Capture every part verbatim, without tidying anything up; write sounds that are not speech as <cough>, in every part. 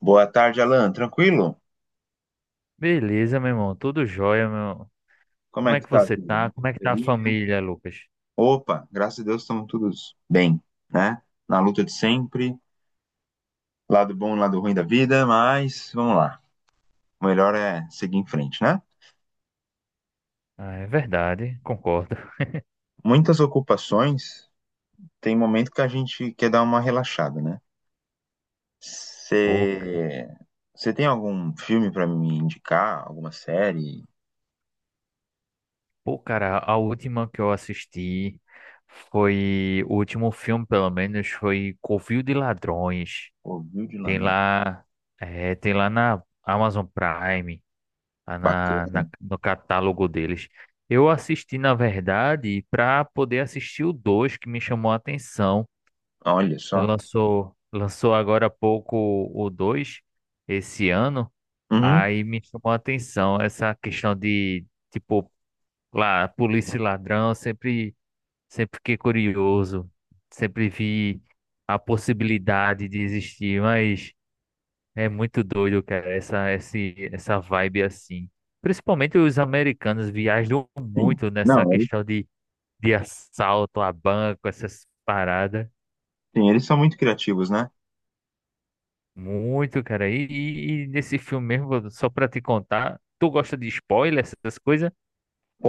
Boa tarde, Alan. Tranquilo? Beleza, meu irmão. Tudo jóia, meu. irmão. Como Como é é que que tá, você vida? tá? Muita Como é que tá a correria? família, Lucas? Opa, graças a Deus estamos todos bem, né? Na luta de sempre, lado bom e lado ruim da vida, mas vamos lá. O melhor é seguir em frente, né? Ah, é verdade, concordo. Muitas ocupações, tem momento que a gente quer dar uma relaxada, né? Ô, c- Você você tem algum filme para me indicar? Alguma série? Pô, cara, a última que eu assisti foi. O último filme, pelo menos, foi Covil de Ladrões. Ouviu de Tem ladrão? lá. É, tem lá na Amazon Prime, lá na, Bacana. na- no catálogo deles. Eu assisti, na verdade, pra poder assistir o dois que me chamou a atenção. Olha só. Lançou, lançou agora há pouco o dois esse ano. Uhum, Aí me chamou a atenção essa questão de, tipo, lá, polícia e ladrão. Sempre, sempre fiquei curioso. Sempre vi a possibilidade de existir, mas é muito doido, cara, essa, esse, essa vibe assim. Principalmente os americanos viajam sim. muito nessa Não, eles, questão de, de assalto a banco, essas paradas. sim, eles são muito criativos, né? Muito, cara. E, e- e nesse filme mesmo, só pra te contar, tu gosta de spoiler, essas coisas?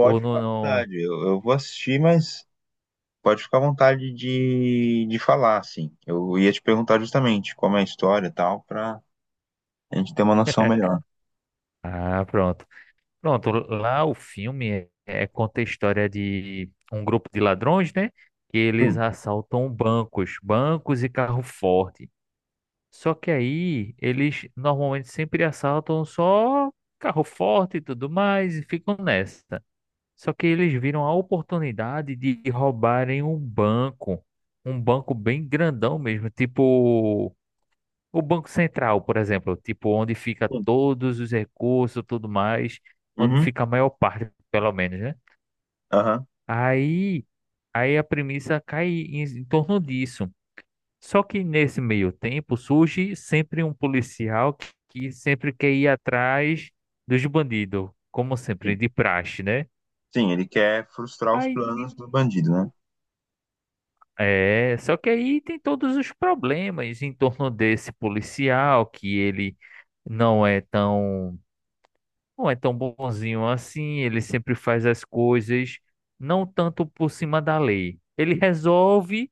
Ou ficar não, à não- vontade. Eu, eu vou assistir, mas pode ficar à vontade de, de falar, assim. Eu ia te perguntar justamente como é a história e tal, pra a gente ter uma noção melhor. Ah, pronto. Pronto, lá o filme é, é- conta a história de um grupo de ladrões, né? Que eles Sim, assaltam bancos, bancos e carro forte. Só que aí eles normalmente sempre assaltam só carro forte e tudo mais e ficam nessa. Só que eles viram a oportunidade de roubarem um banco, um banco bem grandão mesmo, tipo o Banco Central, por exemplo, tipo onde fica sim. todos os recursos, tudo mais, onde Uhum, fica a maior parte, pelo menos, né? aham, Aí, aí a premissa cai em, em torno disso. Só que nesse meio tempo surge sempre um policial que, que sempre quer ir atrás dos bandidos, como sempre, sim. de praxe, né? Sim, ele quer frustrar os Aí planos do bandido, né? É, só que aí tem todos os problemas em torno desse policial, que ele não é tão, não é tão bonzinho assim, ele sempre faz as coisas não tanto por cima da lei. Ele resolve,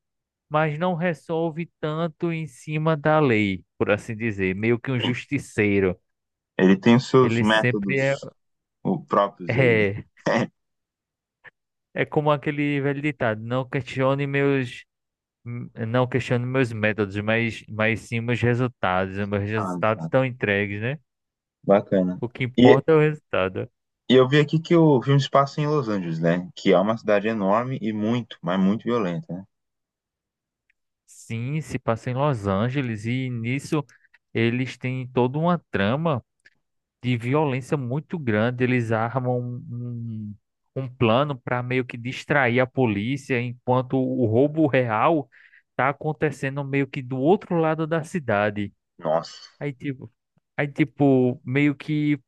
mas não resolve tanto em cima da lei, por assim dizer, meio que um Sim. justiceiro. Ele tem os seus Ele sempre é, métodos o- próprios aí, né? é, <laughs> é como aquele velho ditado, não questione meus hum, não questiono meus métodos, mas, mas sim meus resultados. Os Meus Ah, resultados sabe. estão entregues, né? Bacana. O que E, importa é o resultado. e eu vi aqui que o filme se passa em Los Angeles, né? Que é uma cidade enorme e muito, mas muito violenta, né? Sim, se passa em Los Angeles e nisso eles têm toda uma trama de violência muito grande. Eles armam um, um um plano para meio que distrair a polícia, enquanto o roubo real está acontecendo meio que do outro lado da cidade. Nossa. Aí, tipo, aí, tipo, meio que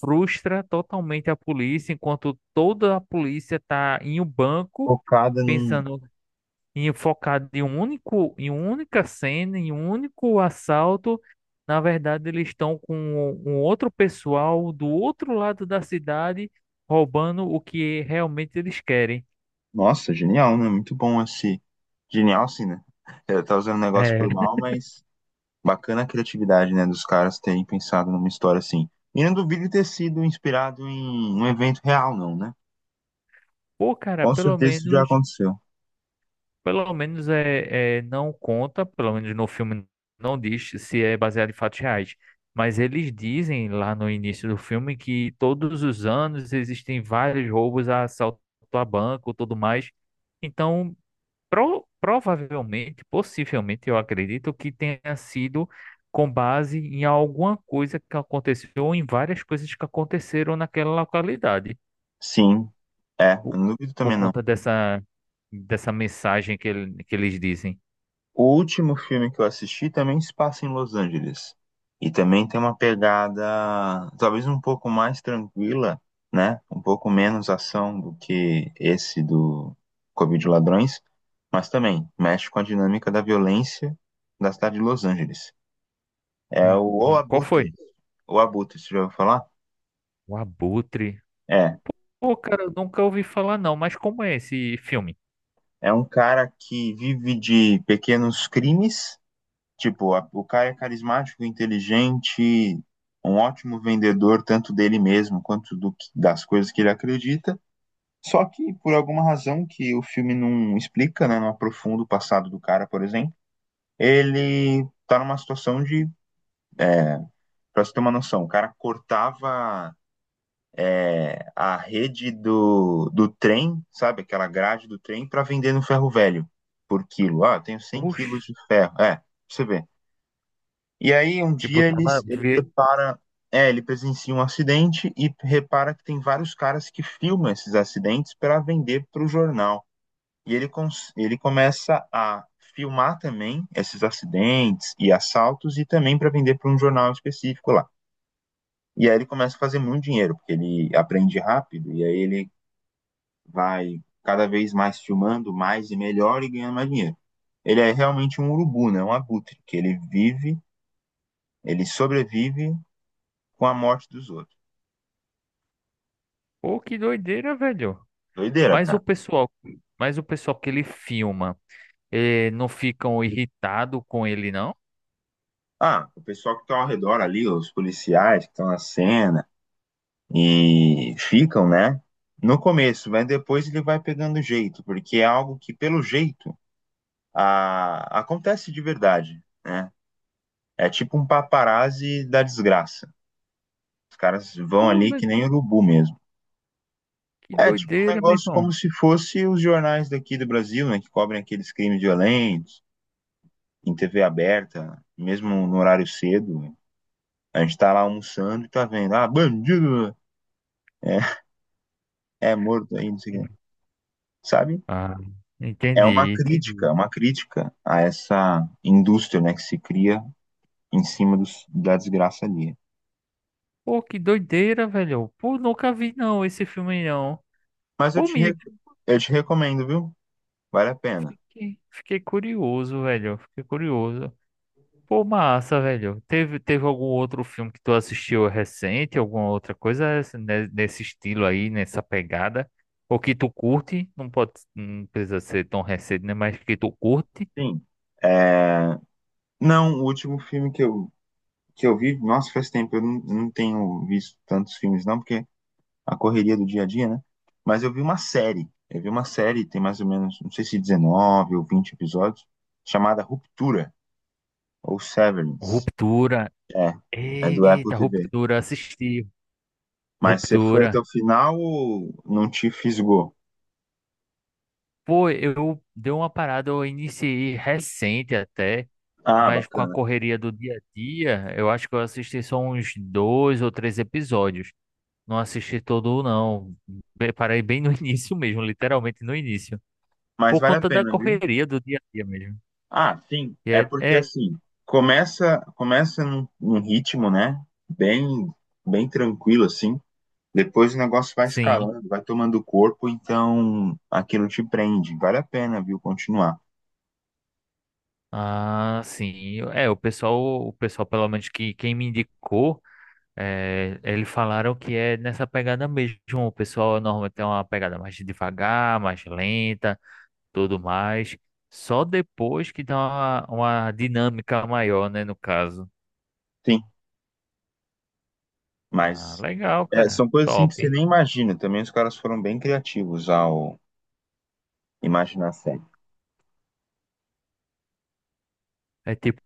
frustra totalmente a polícia, enquanto toda a polícia tá em um banco, Focada num. pensando em focar em um único, em uma única cena, em um único assalto. Na verdade, eles estão com um outro pessoal do outro lado da cidade roubando o que realmente eles querem. Nossa, genial, né? Muito bom esse. Genial, sim, né? É, tá usando o negócio pro É. mal, mas bacana a criatividade, né, dos caras terem pensado numa história assim. E não duvido de ter sido inspirado em um evento real, não, né? Pô, cara, Com pelo certeza isso já menos. aconteceu. Pelo menos é, é, não conta, pelo menos no filme não diz se é baseado em fatos reais. Mas eles dizem lá no início do filme que todos os anos existem vários roubos a assalto a banco, tudo mais. Então, pro- provavelmente, possivelmente, eu acredito que tenha sido com base em alguma coisa que aconteceu ou em várias coisas que aconteceram naquela localidade, Sim, é, eu por, não duvido por também não. conta dessa, dessa mensagem que, ele- que eles dizem. O último filme que eu assisti também se passa em Los Angeles. E também tem uma pegada talvez um pouco mais tranquila, né? Um pouco menos ação do que esse do Covid Ladrões, mas também mexe com a dinâmica da violência da cidade de Los Angeles. É o Hum, O hum. Qual foi? Abutre. O Abutre, você já ouviu falar? O Abutre. É. Pô, cara, eu nunca ouvi falar não, mas como é esse filme? É um cara que vive de pequenos crimes. Tipo, a- o Caio é carismático, inteligente, um ótimo vendedor, tanto dele mesmo quanto do que- das coisas que ele acredita. Só que, por alguma razão que o filme não explica, né, não aprofunda o passado do cara, por exemplo, ele tá numa situação de. É, pra você ter uma noção, o cara cortava. É, a rede do, do trem, sabe? Aquela grade do trem para vender no ferro velho por quilo. Ah, eu tenho cem Oxe, quilos de ferro. É, pra você vê. E aí, um tipo, dia tá ele, na... ele ve- depara, é, ele presencia um acidente e repara que tem vários caras que filmam esses acidentes para vender para o jornal. E ele, cons- ele começa a filmar também esses acidentes e assaltos e também para vender para um jornal específico lá. E aí ele começa a fazer muito dinheiro, porque ele aprende rápido e aí ele vai cada vez mais filmando mais e melhor e ganhando mais dinheiro. Ele é realmente um urubu, né? Um abutre, que ele vive, ele sobrevive com a morte dos outros. Pô, que doideira, velho. Doideira, Mas o cara. pessoal, mas o pessoal que ele filma, eh, não ficam irritado com ele, não? Ah, o pessoal que tá ao redor ali, os policiais que estão na cena e ficam, né? No começo, mas depois ele vai pegando jeito, porque é algo que, pelo jeito, a- acontece de verdade, né? É tipo um paparazzi da desgraça. Os caras vão Pô, ali que velho, nem urubu mesmo. que É tipo um doideira, meu negócio como irmão. se fosse os jornais daqui do Brasil, né? Que cobrem aqueles crimes violentos, em T V aberta, mesmo no horário cedo. A gente tá lá almoçando e tá vendo, ah, bandido, é, é morto aí, não sei o quê. Sabe? Ah, É uma entendi, crítica, é entendi. uma crítica a essa indústria, né, que se cria em cima dos, da desgraça ali. Pô, que doideira, velho. Pô, nunca vi não esse filme não. Mas eu Pô, te, me re- eu te recomendo, viu? Vale a pena. fiquei, fiquei curioso, velho. Fiquei curioso. Pô, massa, velho. Teve, teve algum outro filme que tu assistiu recente, alguma outra coisa esse- ne- nesse estilo aí, nessa pegada? Ou que tu curte, não pode, não precisa ser tão recente, né? Mas que tu curte. Sim. É, não, o último filme que eu, que eu vi, nossa, faz tempo, eu não, não tenho visto tantos filmes, não, porque a correria do dia a dia, né? Mas eu vi uma série, eu vi uma série, tem mais ou menos, não sei se dezenove ou vinte episódios, chamada Ruptura, ou Severance. Ruptura. É, é do Apple Eita, T V. Ruptura, assisti. Mas você foi até o Ruptura. final ou não te fisgou? Pô, eu dei uma parada, eu iniciei recente até, Ah, mas com a bacana. correria do dia a dia, eu acho que eu assisti só uns dois ou três episódios. Não assisti todo, não. Be- Parei bem no <laughs> início mesmo, literalmente no início. Mas Por vale a conta da pena, viu? correria do dia a dia mesmo. Ah, sim. E É é, porque é, assim, começa começa num, num ritmo, né? Bem bem tranquilo assim. Depois o negócio vai sim. escalando, vai tomando corpo, então aquilo te prende. Vale a pena, viu, continuar. Ah, sim. É, o pessoal, o pessoal, pelo menos que quem me indicou, é, eles falaram que é nessa pegada mesmo. O pessoal normalmente tem uma pegada mais devagar, mais lenta, tudo mais. Só depois que dá uma, uma dinâmica maior, né, no caso. Sim, Ah, mas legal, é, cara. são coisas assim que Top. você nem imagina. Também os caras foram bem criativos ao imaginar a série. É tipo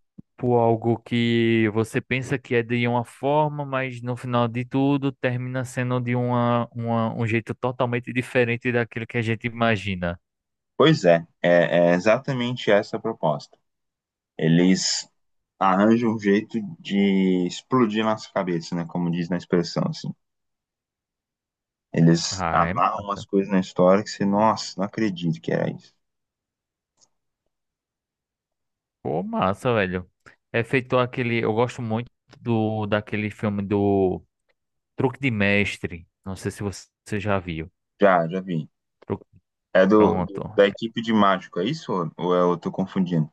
algo que você pensa que é de uma forma, mas no final de tudo termina sendo de uma, uma- um jeito totalmente diferente daquilo que a gente imagina. Pois é, é, é exatamente essa a proposta. Eles arranjam um jeito de explodir nossa cabeça, né? Como diz na expressão, assim. Eles Ah, é amarram ma umas coisas na história que você, nossa, não acredito que era isso. Pô, massa, velho. É feito aquele. Eu gosto muito do daquele filme do Truque de Mestre. Não sei se você você já viu. Já, já vi. Truque- É do, do- Pronto. da equipe de mágico, é isso? Ou, ou é- eu tô confundindo?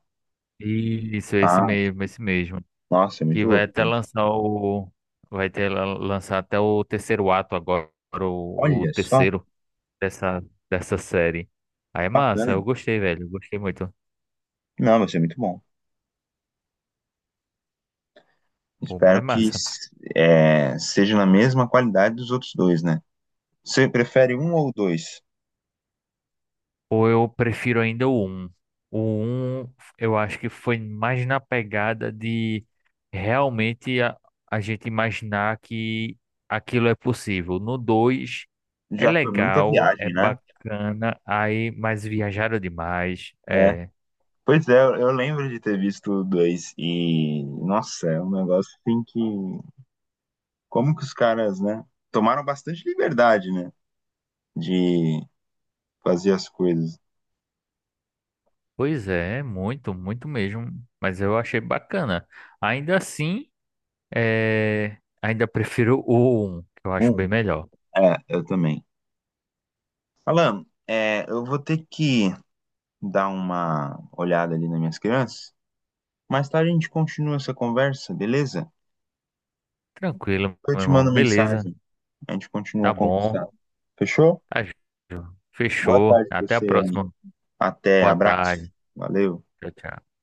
Isso, esse Ah, mesmo, esse mesmo. nossa, é Que muito vai louco. até lançar o. Vai ter lançar até o terceiro ato agora, o o Olha só, terceiro. dessa, dessa série. Aí é massa, bacana. eu gostei, velho. eu Gostei muito. Não, vai ser muito bom. Pô, mas é Espero que massa. s- é, seja na mesma qualidade dos outros dois, né? Você prefere um ou dois? Ou eu prefiro ainda o um. O um eu acho que foi mais na pegada de realmente a, a gente imaginar que aquilo é possível. No dois é Já foi muita legal, é viagem, né? bacana, aí, mas viajaram demais. É. É. Pois é, eu eu lembro de ter visto dois e, nossa, é um negócio assim que. Como que os caras, né? Tomaram bastante liberdade, né? De fazer as coisas. Pois é, muito, muito mesmo. Mas eu achei bacana. Ainda assim. É, ainda prefiro o um, que eu acho Um, bem melhor. é, eu também. Alan, é, eu vou ter que dar uma olhada ali nas minhas crianças. Mais tarde a gente continua essa conversa, beleza? Tranquilo, Eu meu te irmão. mando Beleza, mensagem, a gente continua tá a conversar. bom. Fechou? Tá, Boa fechou. tarde pra Até a você aí. próxima. Até, Boa abraço. tarde. Valeu. Tchau, tchau.